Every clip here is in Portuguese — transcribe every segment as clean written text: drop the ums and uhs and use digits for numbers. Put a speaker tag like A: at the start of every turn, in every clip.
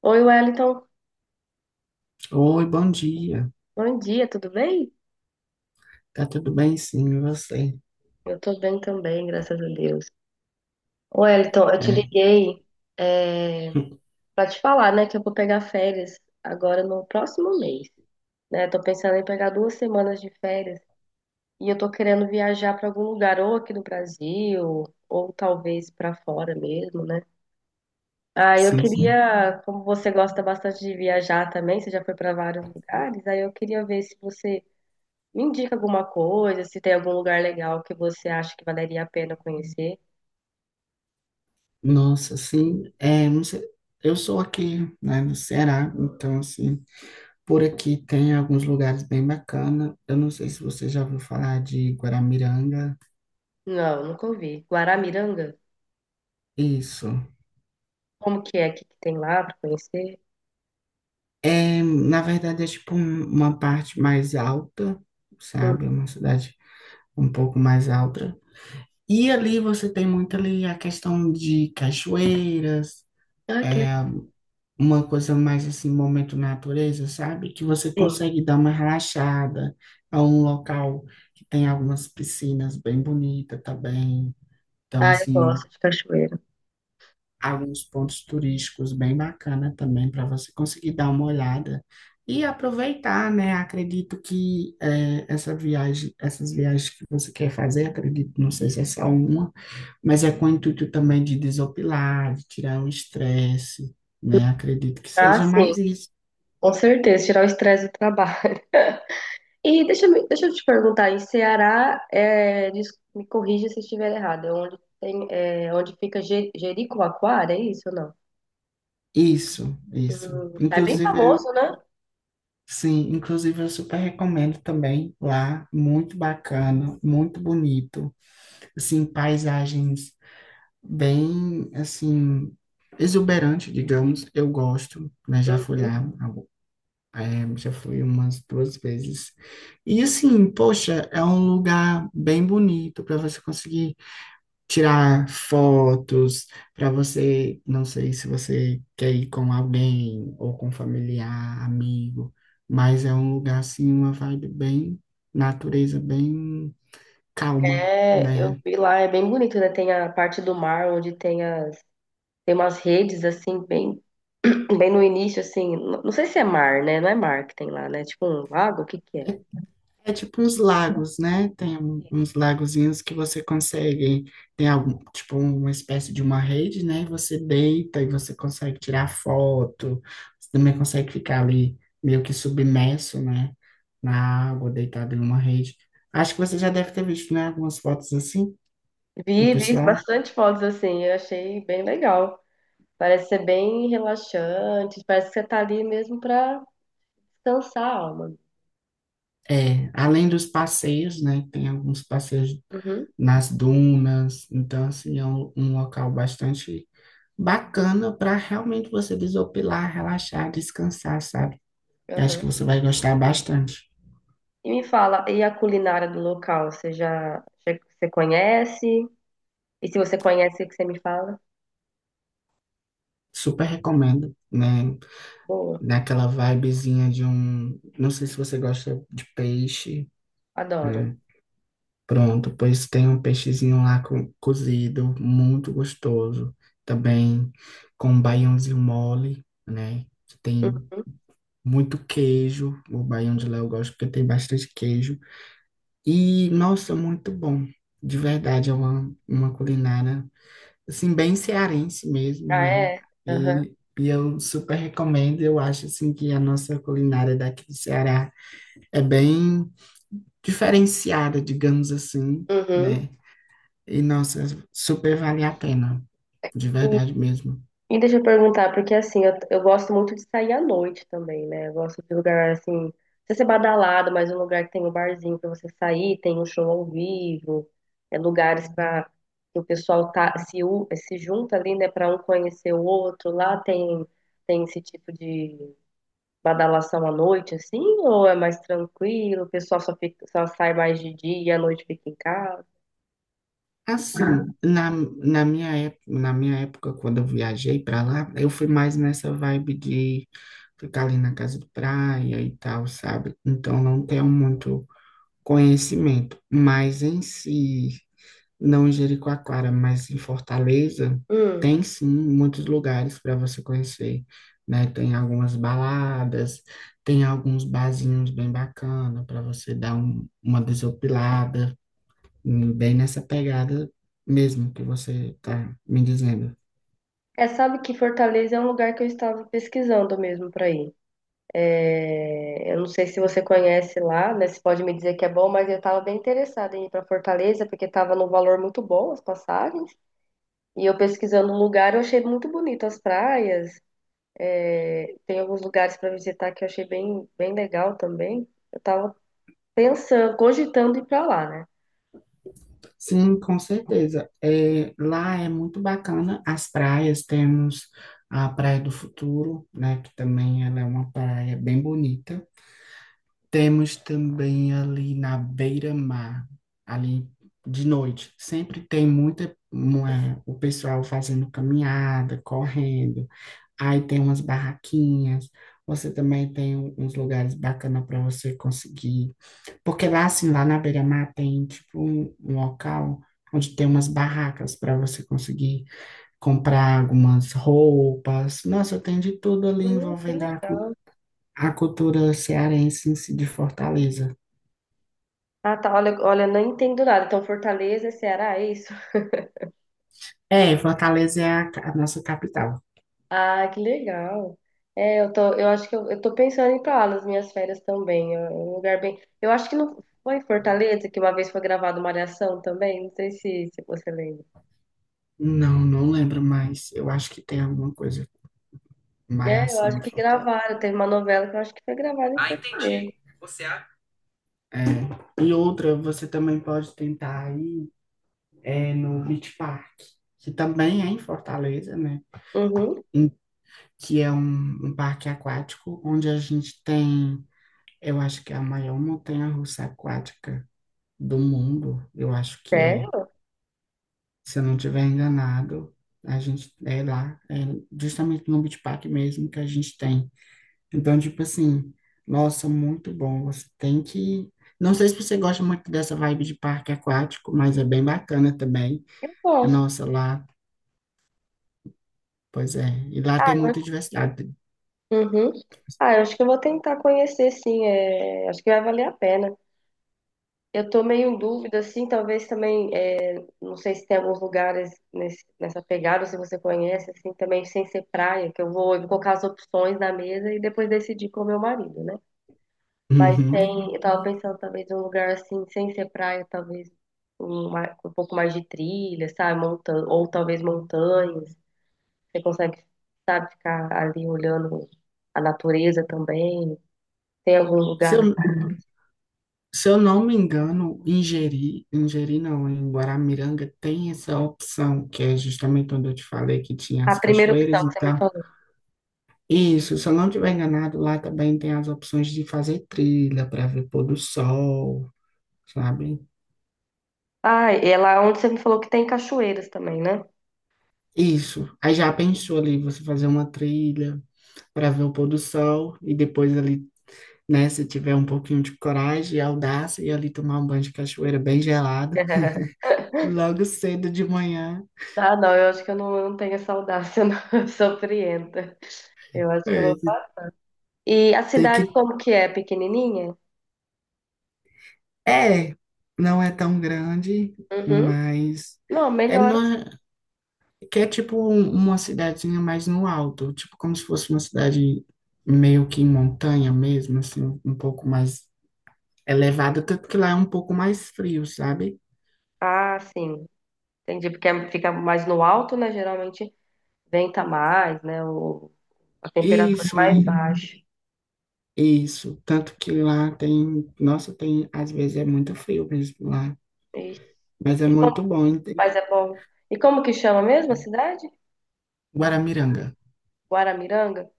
A: Oi, Wellington.
B: Oi, bom dia.
A: Bom dia, tudo bem?
B: Tá tudo bem, sim, e você?
A: Eu tô bem também, graças a Deus. Ô, Wellington, eu te
B: É.
A: liguei é, pra te falar, né, que eu vou pegar férias agora no próximo mês, né? Tô pensando em pegar duas semanas de férias e eu tô querendo viajar pra algum lugar, ou aqui no Brasil, ou talvez pra fora mesmo, né? Ah, eu
B: Sim, sim.
A: queria, como você gosta bastante de viajar também, você já foi pra vários lugares, aí eu queria ver se você me indica alguma coisa, se tem algum lugar legal que você acha que valeria a pena conhecer.
B: Nossa, assim, é, não sei, eu sou aqui, né, no Ceará, então, assim, por aqui tem alguns lugares bem bacanas. Eu não sei se você já ouviu falar de Guaramiranga.
A: Não, nunca ouvi. Guaramiranga?
B: Isso.
A: Como que é? O que que tem lá para conhecer?
B: É, na verdade, é tipo uma parte mais alta,
A: Hum.
B: sabe? É uma cidade um pouco mais alta. E ali você tem muito ali a questão de cachoeiras,
A: Ah, que
B: é
A: legal.
B: uma coisa mais assim, momento natureza, sabe? Que você
A: Sim.
B: consegue dar uma relaxada. É um local que tem algumas piscinas bem bonitas também. Então,
A: Ah, eu
B: assim,
A: gosto de cachoeira.
B: alguns pontos turísticos bem bacana também para você conseguir dar uma olhada e aproveitar, né? Acredito que essa viagem, essas viagens que você quer fazer, acredito, não sei se é só uma, mas é com o intuito também de desopilar, de tirar o estresse, né? Acredito que
A: Ah,
B: seja
A: sim.
B: mais isso.
A: Com certeza, tirar o estresse do trabalho. E deixa, deixa eu te perguntar, em Ceará, é, me corrija se estiver errado, é onde tem, é, onde fica Jericoacoara, é isso ou não?
B: Isso, isso.
A: É bem
B: Inclusive,
A: famoso, né?
B: sim, inclusive eu super recomendo também lá, muito bacana, muito bonito, assim, paisagens bem, assim, exuberante, digamos. Eu gosto, né? Já fui
A: Uhum.
B: lá, já fui umas duas vezes. E, assim, poxa, é um lugar bem bonito para você conseguir tirar fotos, para você, não sei se você quer ir com alguém ou com familiar, amigo, mas é um lugar, assim, uma vibe bem natureza, bem calma.
A: É, eu
B: Né?
A: vi lá, é bem bonito, né? Tem a parte do mar onde tem as, tem umas redes assim bem bem no início assim, não sei se é mar, né? Não é mar que tem lá, né? Tipo um lago, o que que é?
B: É tipo uns lagos, né? Tem uns lagozinhos que você consegue, tem algum, tipo uma espécie de uma rede, né? E você deita e você consegue tirar foto, você também consegue ficar ali meio que submerso, né? Na água, deitado em uma rede. Acho que você já deve ter visto, né? Algumas fotos assim do
A: Vi, vi
B: pessoal.
A: bastante fotos assim, eu achei bem legal. Parece ser bem relaxante, parece que você tá ali mesmo pra descansar a alma.
B: É, além dos passeios, né? Tem alguns passeios
A: Uhum,
B: nas dunas, então assim é um local bastante bacana para realmente você desopilar, relaxar, descansar, sabe? Eu acho
A: aham.
B: que você vai gostar bastante.
A: E me fala, e a culinária do local, você conhece? E se você conhece, o que você me fala?
B: Super recomendo, né?
A: Boa,
B: Naquela vibezinha de um. Não sei se você gosta de peixe,
A: adoro.
B: né? Pronto, pois tem um peixezinho lá cozido, muito gostoso. Também com um baiãozinho mole, né? Que tem
A: Uhum.
B: muito queijo. O baião de Léo eu gosto porque tem bastante queijo. E, nossa, muito bom. De verdade, é uma culinária, assim, bem cearense mesmo,
A: Ah,
B: né?
A: é? Aham.
B: E, e eu super recomendo. Eu acho, assim, que a nossa culinária daqui do Ceará é bem diferenciada, digamos assim,
A: Uhum.
B: né? E, nossa, super vale a pena. De
A: E,
B: verdade mesmo.
A: e deixa eu perguntar, porque assim, eu gosto muito de sair à noite também, né? Eu gosto de lugar assim, não precisa ser badalado, mas um lugar que tem um barzinho pra você sair, tem um show ao vivo, é lugares pra que o pessoal tá, se, se junta ali, né, pra um conhecer o outro. Tem esse tipo de badalação à noite, assim, ou é mais tranquilo, o pessoal só fica, só sai mais de dia e à noite fica em casa?
B: Assim, na minha, na minha época, quando eu viajei para lá, eu fui mais nessa vibe de ficar ali na casa de praia e tal, sabe? Então não tenho muito conhecimento, mas em si, não em Jericoacoara, mas em Fortaleza, tem sim muitos lugares para você conhecer, né? Tem algumas baladas, tem alguns barzinhos bem bacana para você dar uma desopilada bem nessa pegada mesmo que você está me dizendo.
A: É, sabe que Fortaleza é um lugar que eu estava pesquisando mesmo para ir. É, eu não sei se você conhece lá, né? Você pode me dizer que é bom, mas eu estava bem interessada em ir para Fortaleza porque estava num valor muito bom as passagens. E eu pesquisando o lugar, eu achei muito bonito as praias. É, tem alguns lugares para visitar que eu achei bem, bem legal também. Eu estava pensando, cogitando ir para lá, né?
B: Sim, com certeza. É, lá é muito bacana as praias, temos a Praia do Futuro, né, que também ela é uma praia bem bonita. Temos também ali na beira-mar, ali de noite, sempre tem o pessoal fazendo caminhada, correndo. Aí tem umas barraquinhas, você também tem uns lugares bacanas para você conseguir. Porque lá, assim, lá na beira-mar tem, tipo, um local onde tem umas barracas para você conseguir comprar algumas roupas. Nossa, tem de tudo ali
A: Que
B: envolvendo
A: legal.
B: a cultura cearense em si de Fortaleza.
A: Ah, tá. Olha, olha, não entendo nada. Então, Fortaleza, Ceará, é isso?
B: É, Fortaleza é a nossa capital.
A: Ah, que legal. É, eu acho que eu tô pensando em ir pra lá nas minhas férias também. É um lugar bem. Eu acho que não foi em Fortaleza que uma vez foi gravada uma Malhação também. Não sei se você lembra.
B: Não, não lembro mais. Eu acho que tem alguma coisa,
A: É, eu
B: malhação
A: acho
B: em
A: que
B: Fortaleza.
A: gravaram. Teve uma novela que eu acho que foi gravada em
B: Ah, entendi.
A: Fortaleza.
B: Você acha? É. E outra, você também pode tentar ir no Beach Park, que também é em Fortaleza, né?
A: Uhum.
B: em- que é um, um parque aquático, onde a gente tem, eu acho que é a maior montanha-russa aquática do mundo, eu acho que é.
A: Sério?
B: Se eu não estiver enganado, a gente é lá, é justamente no Beach Park mesmo que a gente tem. Então, tipo assim, nossa, muito bom. Você tem que. Não sei se você gosta muito dessa vibe de parque aquático, mas é bem bacana também.
A: Eu gosto.
B: Nossa, lá, pois é. E lá tem
A: Ah,
B: muita diversidade.
A: uhum. Ah, eu acho que eu vou tentar conhecer, sim. É, acho que vai valer a pena. Eu tô meio em dúvida, assim, talvez também. Não sei se tem alguns lugares nessa pegada, se você conhece, assim, também sem ser praia, que eu vou colocar as opções na mesa e depois decidir com o meu marido, né? Mas
B: Uhum.
A: tem, eu tava pensando talvez um lugar assim, sem ser praia, talvez um pouco mais de trilha, sabe? Montan, ou talvez montanhas. Você consegue, sabe, ficar ali olhando a natureza também. Tem algum
B: Se
A: lugar
B: eu
A: assim.
B: Se eu não me engano, em Jeri não, em Guaramiranga tem essa opção, que é justamente onde eu te falei que tinha
A: A
B: as
A: primeira
B: cachoeiras
A: opção
B: e
A: que você me
B: tal.
A: falou.
B: Isso, se eu não estiver enganado, lá também tem as opções de fazer trilha para ver pôr do sol, sabe?
A: Ah, e é lá onde você me falou que tem cachoeiras também, né?
B: Isso. Aí já pensou ali você fazer uma trilha para ver o pôr do sol e depois ali, né, se tiver um pouquinho de coragem e audácia e ali tomar um banho de cachoeira bem gelado, logo cedo de manhã.
A: Ah, não, eu acho que eu não tenho essa audácia, não. Eu sou frienta. Eu acho que eu
B: É,
A: vou. E a
B: tem
A: cidade
B: que.
A: como que é? Pequenininha?
B: É, não é tão grande,
A: Uhum.
B: mas
A: Não,
B: é
A: melhor assim.
B: numa, que é tipo uma cidadezinha mais no alto, tipo como se fosse uma cidade meio que em montanha mesmo, assim, um pouco mais elevada, tanto que lá é um pouco mais frio, sabe?
A: Ah, sim. Entendi, porque fica mais no alto, né? Geralmente venta mais, né? O, a temperatura
B: Isso,
A: é mais
B: e-
A: baixa.
B: isso, tanto que lá tem, nossa, tem, às vezes é muito frio mesmo lá,
A: Ixi.
B: mas é
A: E como...
B: muito bom, hein? Tem
A: Mas é bom. E como que chama mesmo a cidade?
B: Guaramiranga.
A: Guaramiranga?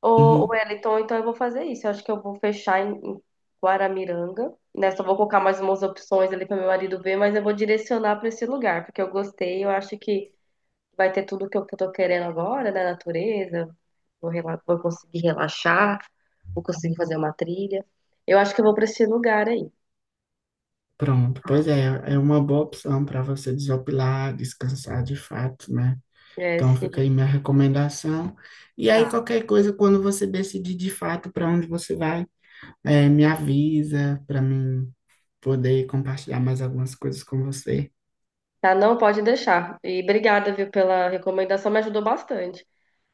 A: Ô, Wellington, então eu vou fazer isso. Eu acho que eu vou fechar em Guaramiranga, né? Só vou colocar mais umas opções ali para meu marido ver, mas eu vou direcionar para esse lugar, porque eu gostei. Eu acho que vai ter tudo que que eu tô querendo agora, né? Natureza, vou conseguir relaxar, vou conseguir fazer uma trilha. Eu acho que eu vou para esse lugar aí.
B: Pronto, pois é, é uma boa opção para você desopilar, descansar de fato, né?
A: É,
B: Então
A: sim,
B: fica aí minha recomendação. E aí
A: tá.
B: qualquer coisa, quando você decidir de fato para onde você vai, me avisa para mim poder compartilhar mais algumas coisas com você.
A: Tá, não pode deixar. E obrigada, viu, pela recomendação, me ajudou bastante.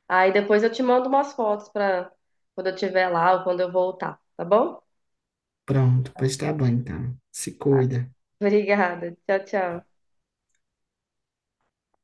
A: Aí depois eu te mando umas fotos para quando eu estiver lá ou quando eu voltar, tá bom?
B: Pronto, pois tá bom então. Se cuida.
A: Obrigada. Tchau, tchau.